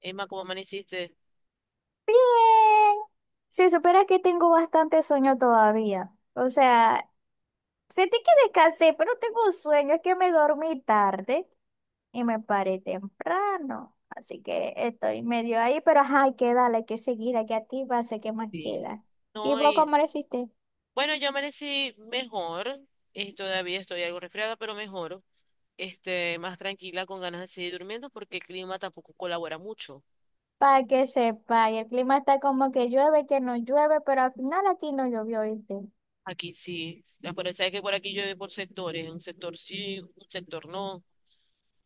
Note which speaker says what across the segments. Speaker 1: Emma, ¿cómo amaneciste?
Speaker 2: Bien, si supieras que tengo bastante sueño todavía. O sea, sentí que descansé, pero tengo un sueño, es que me dormí tarde y me paré temprano. Así que estoy medio ahí, pero ajá, hay que darle, hay que seguir, hay que activarse, ¿qué más
Speaker 1: Sí.
Speaker 2: queda? ¿Y
Speaker 1: No,
Speaker 2: vos
Speaker 1: y
Speaker 2: cómo lo hiciste?
Speaker 1: bueno, yo amanecí mejor. Todavía estoy algo resfriada, pero mejor. Más tranquila, con ganas de seguir durmiendo, porque el clima tampoco colabora mucho.
Speaker 2: Para que sepa, y el clima está como que llueve, que no llueve, pero al final aquí no llovió, ¿viste?
Speaker 1: Aquí sí. Por, sabes que por aquí llueve por sectores. Un sector sí, un sector no.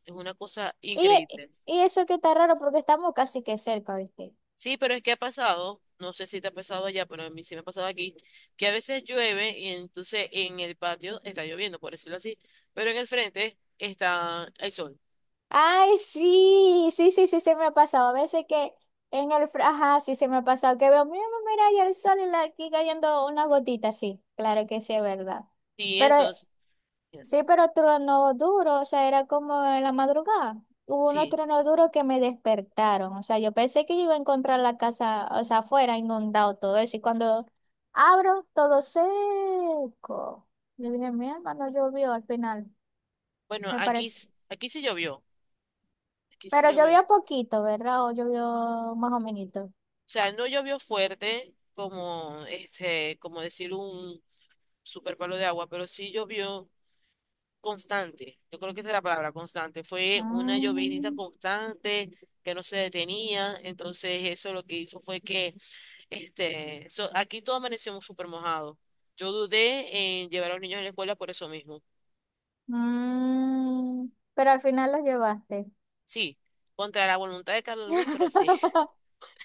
Speaker 1: Es una cosa
Speaker 2: Y,
Speaker 1: increíble.
Speaker 2: y eso que está raro porque estamos casi que cerca, ¿viste?
Speaker 1: Sí, pero es que ha pasado, no sé si te ha pasado allá, pero a mí sí me ha pasado aquí, que a veces llueve y entonces en el patio está lloviendo, por decirlo así, pero en el frente está el sol.
Speaker 2: Ay, sí, sí, sí, sí, se me ha pasado. A veces que ajá, sí, se me ha pasado que veo, mira, ahí el sol y aquí cayendo unas gotitas, sí, claro que sí, es verdad.
Speaker 1: Sí,
Speaker 2: Pero
Speaker 1: entonces,
Speaker 2: sí, pero trueno duro, o sea, era como en la madrugada. Hubo unos
Speaker 1: sí.
Speaker 2: truenos duros que me despertaron, o sea, yo pensé que yo iba a encontrar la casa, o sea, afuera, inundado todo eso, y cuando abro, todo seco. Yo dije, mi hermano llovió al final,
Speaker 1: Bueno,
Speaker 2: me
Speaker 1: aquí,
Speaker 2: parece.
Speaker 1: aquí sí llovió, aquí sí
Speaker 2: Pero
Speaker 1: llovió. O
Speaker 2: llovió poquito, ¿verdad? O llovió más o menos.
Speaker 1: sea, no llovió fuerte como, como decir un super palo de agua, pero sí llovió constante. Yo creo que esa es la palabra, constante. Fue una llovinita
Speaker 2: Mm,
Speaker 1: constante que no se detenía. Entonces, eso lo que hizo fue que, aquí todo amanecimos súper mojado. Yo dudé en llevar a los niños a la escuela por eso mismo.
Speaker 2: pero al final los llevaste.
Speaker 1: Sí, contra la voluntad de Carlos Luis, pero sí.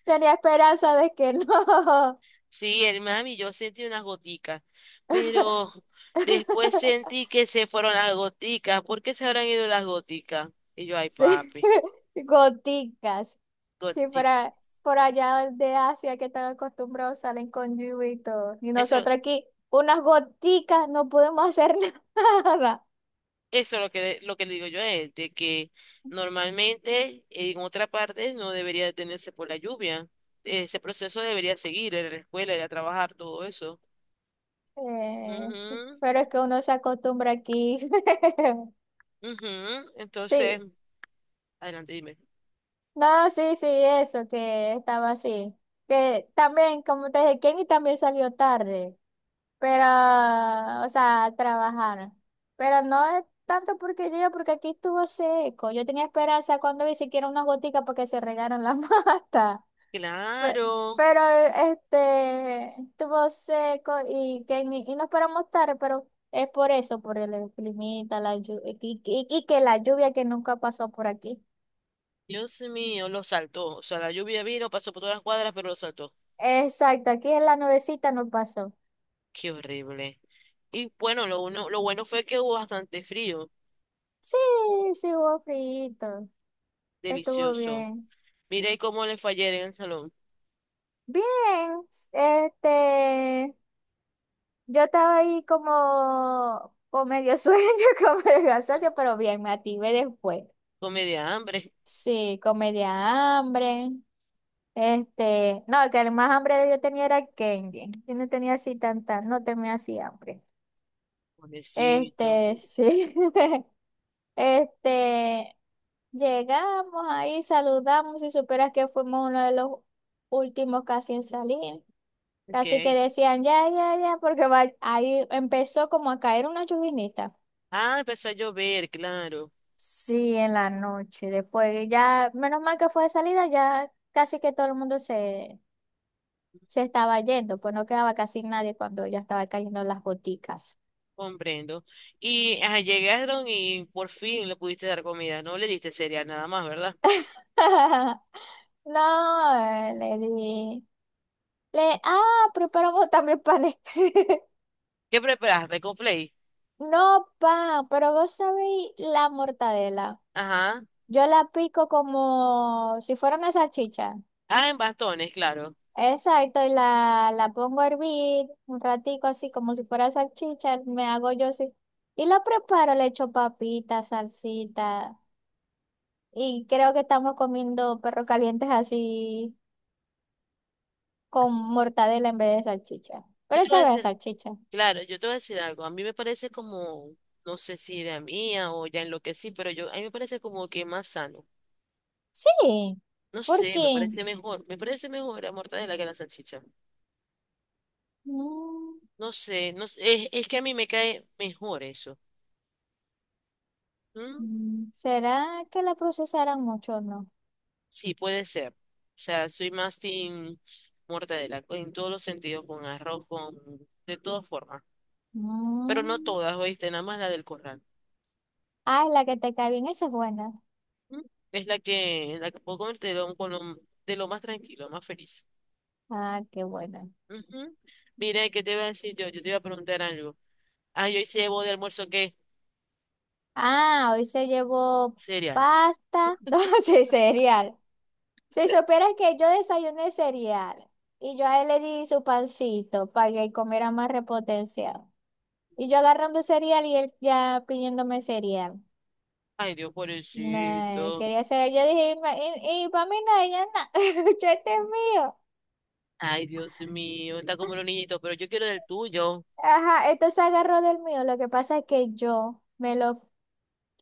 Speaker 2: Tenía esperanza de que no.
Speaker 1: Sí, el Miami, yo sentí unas goticas, pero después sentí que se fueron las goticas. ¿Por qué se habrán ido las goticas? Y yo, ay,
Speaker 2: Sí,
Speaker 1: papi,
Speaker 2: goticas. Sí,
Speaker 1: goticas.
Speaker 2: para, por allá de Asia que están acostumbrados salen con lluvia y
Speaker 1: Eso,
Speaker 2: nosotros aquí, unas goticas, no podemos hacer nada.
Speaker 1: eso es lo que le digo yo a él, de que normalmente en otra parte no debería detenerse por la lluvia. Ese proceso debería seguir, ir a la escuela, ir a trabajar, todo eso.
Speaker 2: Eh,
Speaker 1: Ujú,
Speaker 2: pero es que uno se acostumbra aquí.
Speaker 1: ujú. Entonces,
Speaker 2: Sí,
Speaker 1: adelante, dime.
Speaker 2: no, sí, sí, eso, que estaba así. Que también, como te dije, Kenny también salió tarde, pero, o sea, a trabajar. Pero no es tanto porque yo, porque aquí estuvo seco. Yo tenía esperanza cuando vi siquiera unas goticas para que se regaran las matas. Pe-
Speaker 1: Claro.
Speaker 2: Pero, este, estuvo seco y Kenny, y nos paramos tarde, pero es por eso, por el climita, la lluvia, y que la lluvia que nunca pasó por aquí.
Speaker 1: Dios mío, lo saltó. O sea, la lluvia vino, pasó por todas las cuadras, pero lo saltó.
Speaker 2: Exacto, aquí en la nubecita no pasó.
Speaker 1: Qué horrible. Y bueno, lo bueno fue que hubo bastante frío.
Speaker 2: Sí, sí hubo frío, estuvo
Speaker 1: Delicioso.
Speaker 2: bien.
Speaker 1: Miré cómo le fue ayer en el salón.
Speaker 2: Bien, este, yo estaba ahí como con medio sueño, con medio cansancio, pero bien, me activé después.
Speaker 1: Con media hambre.
Speaker 2: Sí, con media hambre. Este, no, que el más hambre que yo tenía era candy. Yo no tenía así tanta, no tenía así hambre.
Speaker 1: Pobrecito.
Speaker 2: Este, sí. Este, llegamos ahí, saludamos y superas que fuimos uno de los últimos casi en salir. Así que
Speaker 1: ¿Qué?
Speaker 2: decían, ya, ya, ya, ahí empezó como a caer una llovinita.
Speaker 1: Ah, empezó a llover, claro.
Speaker 2: Sí, en la noche. Después ya, menos mal que fue de salida, ya casi que todo el mundo se estaba yendo, pues no quedaba casi nadie cuando ya estaba cayendo las goticas.
Speaker 1: Comprendo. Y ajá, llegaron y por fin le pudiste dar comida. No le diste cereal nada más, ¿verdad?
Speaker 2: No, le di. Le, ah, preparamos también panes.
Speaker 1: ¿Qué preparaste? ¿Con play?
Speaker 2: No, pan, pero vos sabéis la mortadela.
Speaker 1: Ajá.
Speaker 2: Yo la pico como si fuera una salchicha.
Speaker 1: Ah, en bastones, claro.
Speaker 2: Exacto, y la pongo a hervir un ratico así como si fuera salchicha, me hago yo así. Y lo preparo, le echo papita, salsita. Y creo que estamos comiendo perros calientes así con mortadela en vez de salchicha.
Speaker 1: Yo
Speaker 2: Pero
Speaker 1: te voy a
Speaker 2: sabe a
Speaker 1: decir.
Speaker 2: salchicha.
Speaker 1: Claro, yo te voy a decir algo. A mí me parece como, no sé si idea mía o ya en lo que sí, pero yo, a mí me parece como que más sano.
Speaker 2: Sí,
Speaker 1: No
Speaker 2: ¿por
Speaker 1: sé, me
Speaker 2: qué?
Speaker 1: parece mejor. Me parece mejor la mortadela que la salchicha.
Speaker 2: Mm,
Speaker 1: No sé, no sé, es que a mí me cae mejor eso. ¿Mm?
Speaker 2: ¿Será que la procesaran mucho o no?
Speaker 1: Sí, puede ser. O sea, soy más team mortadela en todos los sentidos, con arroz, con, de todas formas. Pero no
Speaker 2: Mm.
Speaker 1: todas, oíste, nada más la del corral.
Speaker 2: Ah, la que te cae bien, esa es buena.
Speaker 1: ¿Mm? Es la que puedo comer de lo, de lo más tranquilo, más feliz.
Speaker 2: Ah, qué buena.
Speaker 1: Ujú. Mira, ¿qué te iba a decir yo? Yo te iba a preguntar algo. Ay, hoy hice de almuerzo, ¿qué?
Speaker 2: Ah, hoy se llevó
Speaker 1: Cereal.
Speaker 2: pasta, no sé, cereal. Si supieras que yo desayuné cereal y yo a él le di su pancito para que comiera más repotenciado. Y yo agarrando cereal y él ya pidiéndome cereal.
Speaker 1: Ay, Dios,
Speaker 2: Nah,
Speaker 1: pobrecito.
Speaker 2: quería cereal. Yo dije, y para mí no, ella no, este es mío.
Speaker 1: Ay, Dios mío. Está como un niñito, pero yo quiero del tuyo.
Speaker 2: Ajá, entonces agarró del mío. Lo que pasa es que yo me lo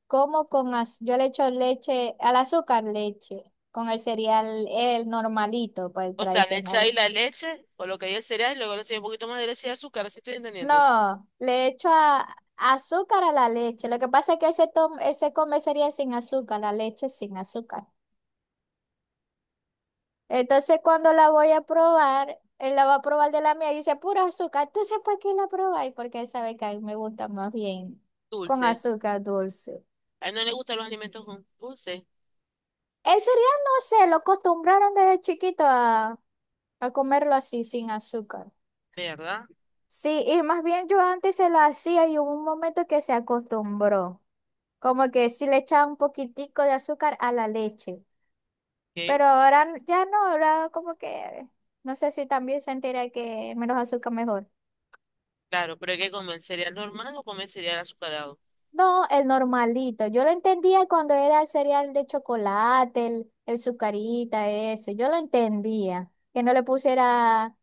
Speaker 2: como yo le echo leche, al azúcar leche, con el cereal el normalito, pues el
Speaker 1: O sea, le
Speaker 2: tradicional.
Speaker 1: echáis la leche, o lo que hay el cereal, y luego le echáis un poquito más de leche y azúcar, así estoy entendiendo.
Speaker 2: No, azúcar a la leche. Lo que pasa es que ese come cereal sin azúcar, la leche sin azúcar. Entonces cuando la voy a probar, él la va a probar de la mía y dice, pura azúcar. Entonces, ¿para qué la probáis? Porque él sabe que a mí me gusta más bien con
Speaker 1: Dulce.
Speaker 2: azúcar dulce.
Speaker 1: A él no le gustan los alimentos con dulce,
Speaker 2: El cereal, no sé, lo acostumbraron desde chiquito a comerlo así, sin azúcar.
Speaker 1: ¿verdad?
Speaker 2: Sí, y más bien yo antes se la hacía y hubo un momento que se acostumbró, como que sí le echaba un poquitico de azúcar a la leche,
Speaker 1: Ok.
Speaker 2: pero ahora ya no, ahora como que no sé si también sentirá que menos azúcar mejor.
Speaker 1: Claro, pero hay que comer cereal normal o comer cereal azucarado.
Speaker 2: No, el normalito, yo lo entendía cuando era el cereal de chocolate, el Zucarita ese, yo lo entendía, que no le pusiera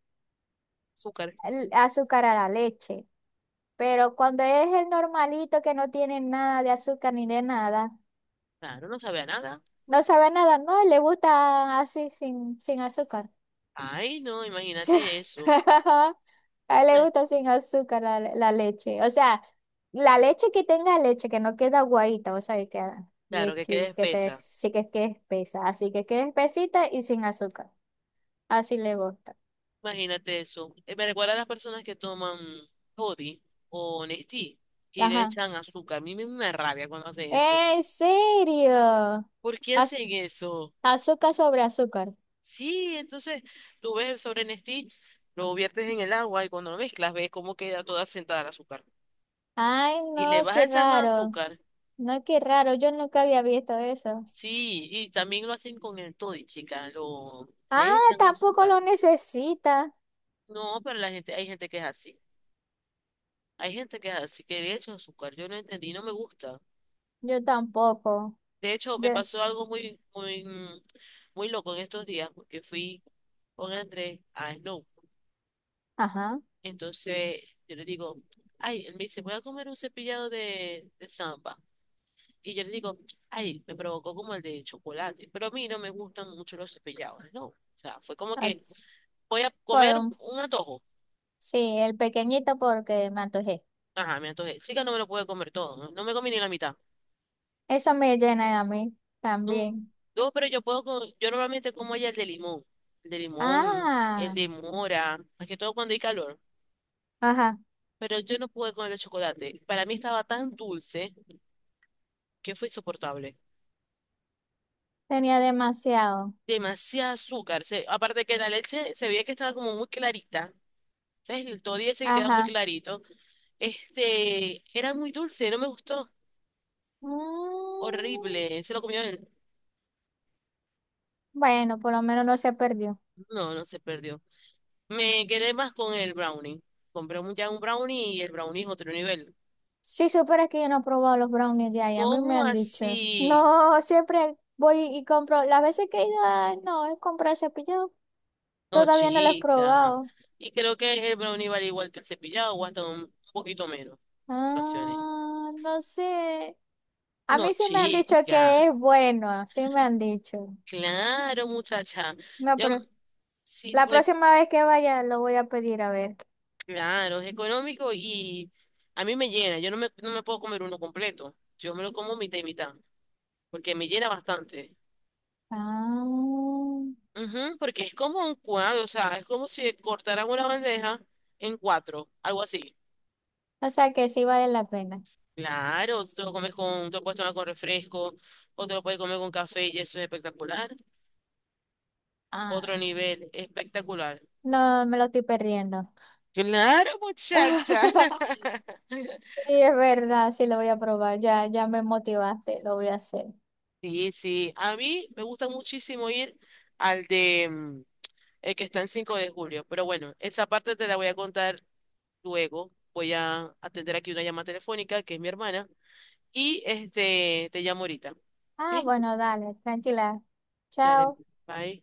Speaker 1: Azúcar.
Speaker 2: el azúcar a la leche, pero cuando es el normalito que no tiene nada de azúcar ni de nada.
Speaker 1: Claro, no sabe a nada.
Speaker 2: No sabe nada, no, le gusta así sin, sin azúcar.
Speaker 1: Ay, no,
Speaker 2: Sí.
Speaker 1: imagínate eso.
Speaker 2: A él le
Speaker 1: Ve,
Speaker 2: gusta sin azúcar la leche. O sea, la leche que tenga leche, que no queda aguadita, o sea, que queda
Speaker 1: claro, que quede
Speaker 2: leche que te,
Speaker 1: espesa.
Speaker 2: sí que es espesa, así que quede espesita y sin azúcar. Así le gusta.
Speaker 1: Imagínate eso. Me recuerda a las personas que toman Toddy o Nestí y le
Speaker 2: Ajá.
Speaker 1: echan azúcar. A mí me da una rabia cuando hacen eso.
Speaker 2: ¿En serio?
Speaker 1: ¿Por qué
Speaker 2: Az-
Speaker 1: hacen eso?
Speaker 2: azúcar sobre azúcar.
Speaker 1: Sí, entonces tú ves el sobre Nestí, lo viertes en el agua y cuando lo mezclas ves cómo queda toda sentada el azúcar.
Speaker 2: Ay,
Speaker 1: ¿Y le
Speaker 2: no,
Speaker 1: vas a
Speaker 2: qué
Speaker 1: echar más
Speaker 2: raro.
Speaker 1: azúcar?
Speaker 2: No, qué raro. Yo nunca había visto eso.
Speaker 1: Sí, y también lo hacen con el Toddy, chica.
Speaker 2: Ah,
Speaker 1: Le echan
Speaker 2: tampoco
Speaker 1: azúcar.
Speaker 2: lo necesita.
Speaker 1: No, pero la gente, hay gente que es así. Hay gente que es así, que le echan azúcar. Yo no entendí, no me gusta.
Speaker 2: Yo tampoco.
Speaker 1: De hecho, me
Speaker 2: Yo,
Speaker 1: pasó algo muy, muy, muy loco en estos días, porque fui con Andrés a Snow.
Speaker 2: ajá.
Speaker 1: Entonces, yo le digo, ay, él me dice, voy a comer un cepillado de samba. Y yo le digo, ay, me provocó como el de chocolate. Pero a mí no me gustan mucho los cepillados, ¿no? O sea, fue como
Speaker 2: Ah,
Speaker 1: que voy a
Speaker 2: Por
Speaker 1: comer
Speaker 2: un-
Speaker 1: un antojo.
Speaker 2: sí, el pequeñito porque me antojé.
Speaker 1: Ajá, me antojé. Sí que no me lo pude comer todo, no, no me comí ni la mitad.
Speaker 2: Eso me llena a mí
Speaker 1: No,
Speaker 2: también.
Speaker 1: no, pero yo puedo, yo normalmente como ya el de limón, el de limón, el
Speaker 2: Ah,
Speaker 1: de mora, más que todo cuando hay calor,
Speaker 2: ajá.
Speaker 1: pero yo no pude con el de chocolate. Para mí estaba tan dulce que fue insoportable.
Speaker 2: Tenía demasiado.
Speaker 1: Demasiado azúcar, aparte que la leche se veía que estaba como muy clarita, ¿sabes? El toddy ese que queda muy
Speaker 2: Ajá.
Speaker 1: clarito. Era muy dulce, no me gustó,
Speaker 2: Mm,
Speaker 1: horrible, se lo comió él.
Speaker 2: bueno, por lo menos no se perdió.
Speaker 1: No, no se perdió. Me quedé más con el brownie. Compré ya un brownie y el brownie es otro nivel.
Speaker 2: Si supieras que yo no he probado los brownies de ahí, a mí me
Speaker 1: ¿Cómo
Speaker 2: han dicho.
Speaker 1: así?
Speaker 2: No, siempre voy y compro. Las veces que he ido, ah, no, he comprado cepillo.
Speaker 1: No,
Speaker 2: Todavía no lo he
Speaker 1: chica.
Speaker 2: probado.
Speaker 1: Y creo que el brownie vale igual que el cepillado o hasta un poquito menos en ocasiones.
Speaker 2: Ah, no sé. A
Speaker 1: No,
Speaker 2: mí sí me han dicho
Speaker 1: chica.
Speaker 2: que es bueno, sí me han dicho.
Speaker 1: Claro, muchacha.
Speaker 2: No,
Speaker 1: Yo
Speaker 2: pero
Speaker 1: sí,
Speaker 2: la
Speaker 1: pues,
Speaker 2: próxima vez que vaya lo voy a pedir a ver.
Speaker 1: claro, es económico y a mí me llena. Yo no me, No me puedo comer uno completo. Yo me lo como mitad y mitad porque me llena bastante.
Speaker 2: Ah, o
Speaker 1: Ujú, porque es como un cuadro, o sea, es como si cortaran una bandeja en cuatro, algo así.
Speaker 2: sea que sí vale la pena.
Speaker 1: Claro, tú te lo comes con, te lo puedes tomar con refresco, o te lo puedes comer con café y eso es espectacular. Otro
Speaker 2: Ah,
Speaker 1: nivel, espectacular.
Speaker 2: no, me lo estoy perdiendo.
Speaker 1: Claro, muchacha.
Speaker 2: Sí, es verdad, sí lo voy a probar. Ya, ya me motivaste, lo voy a hacer.
Speaker 1: Sí, sí. A mí me gusta muchísimo ir al de el que está en 5 de Julio. Pero bueno, esa parte te la voy a contar luego. Voy a atender aquí una llamada telefónica, que es mi hermana. Y este te llamo ahorita.
Speaker 2: Ah,
Speaker 1: ¿Sí?
Speaker 2: bueno, dale, tranquila.
Speaker 1: Dale.
Speaker 2: Chao.
Speaker 1: Bye.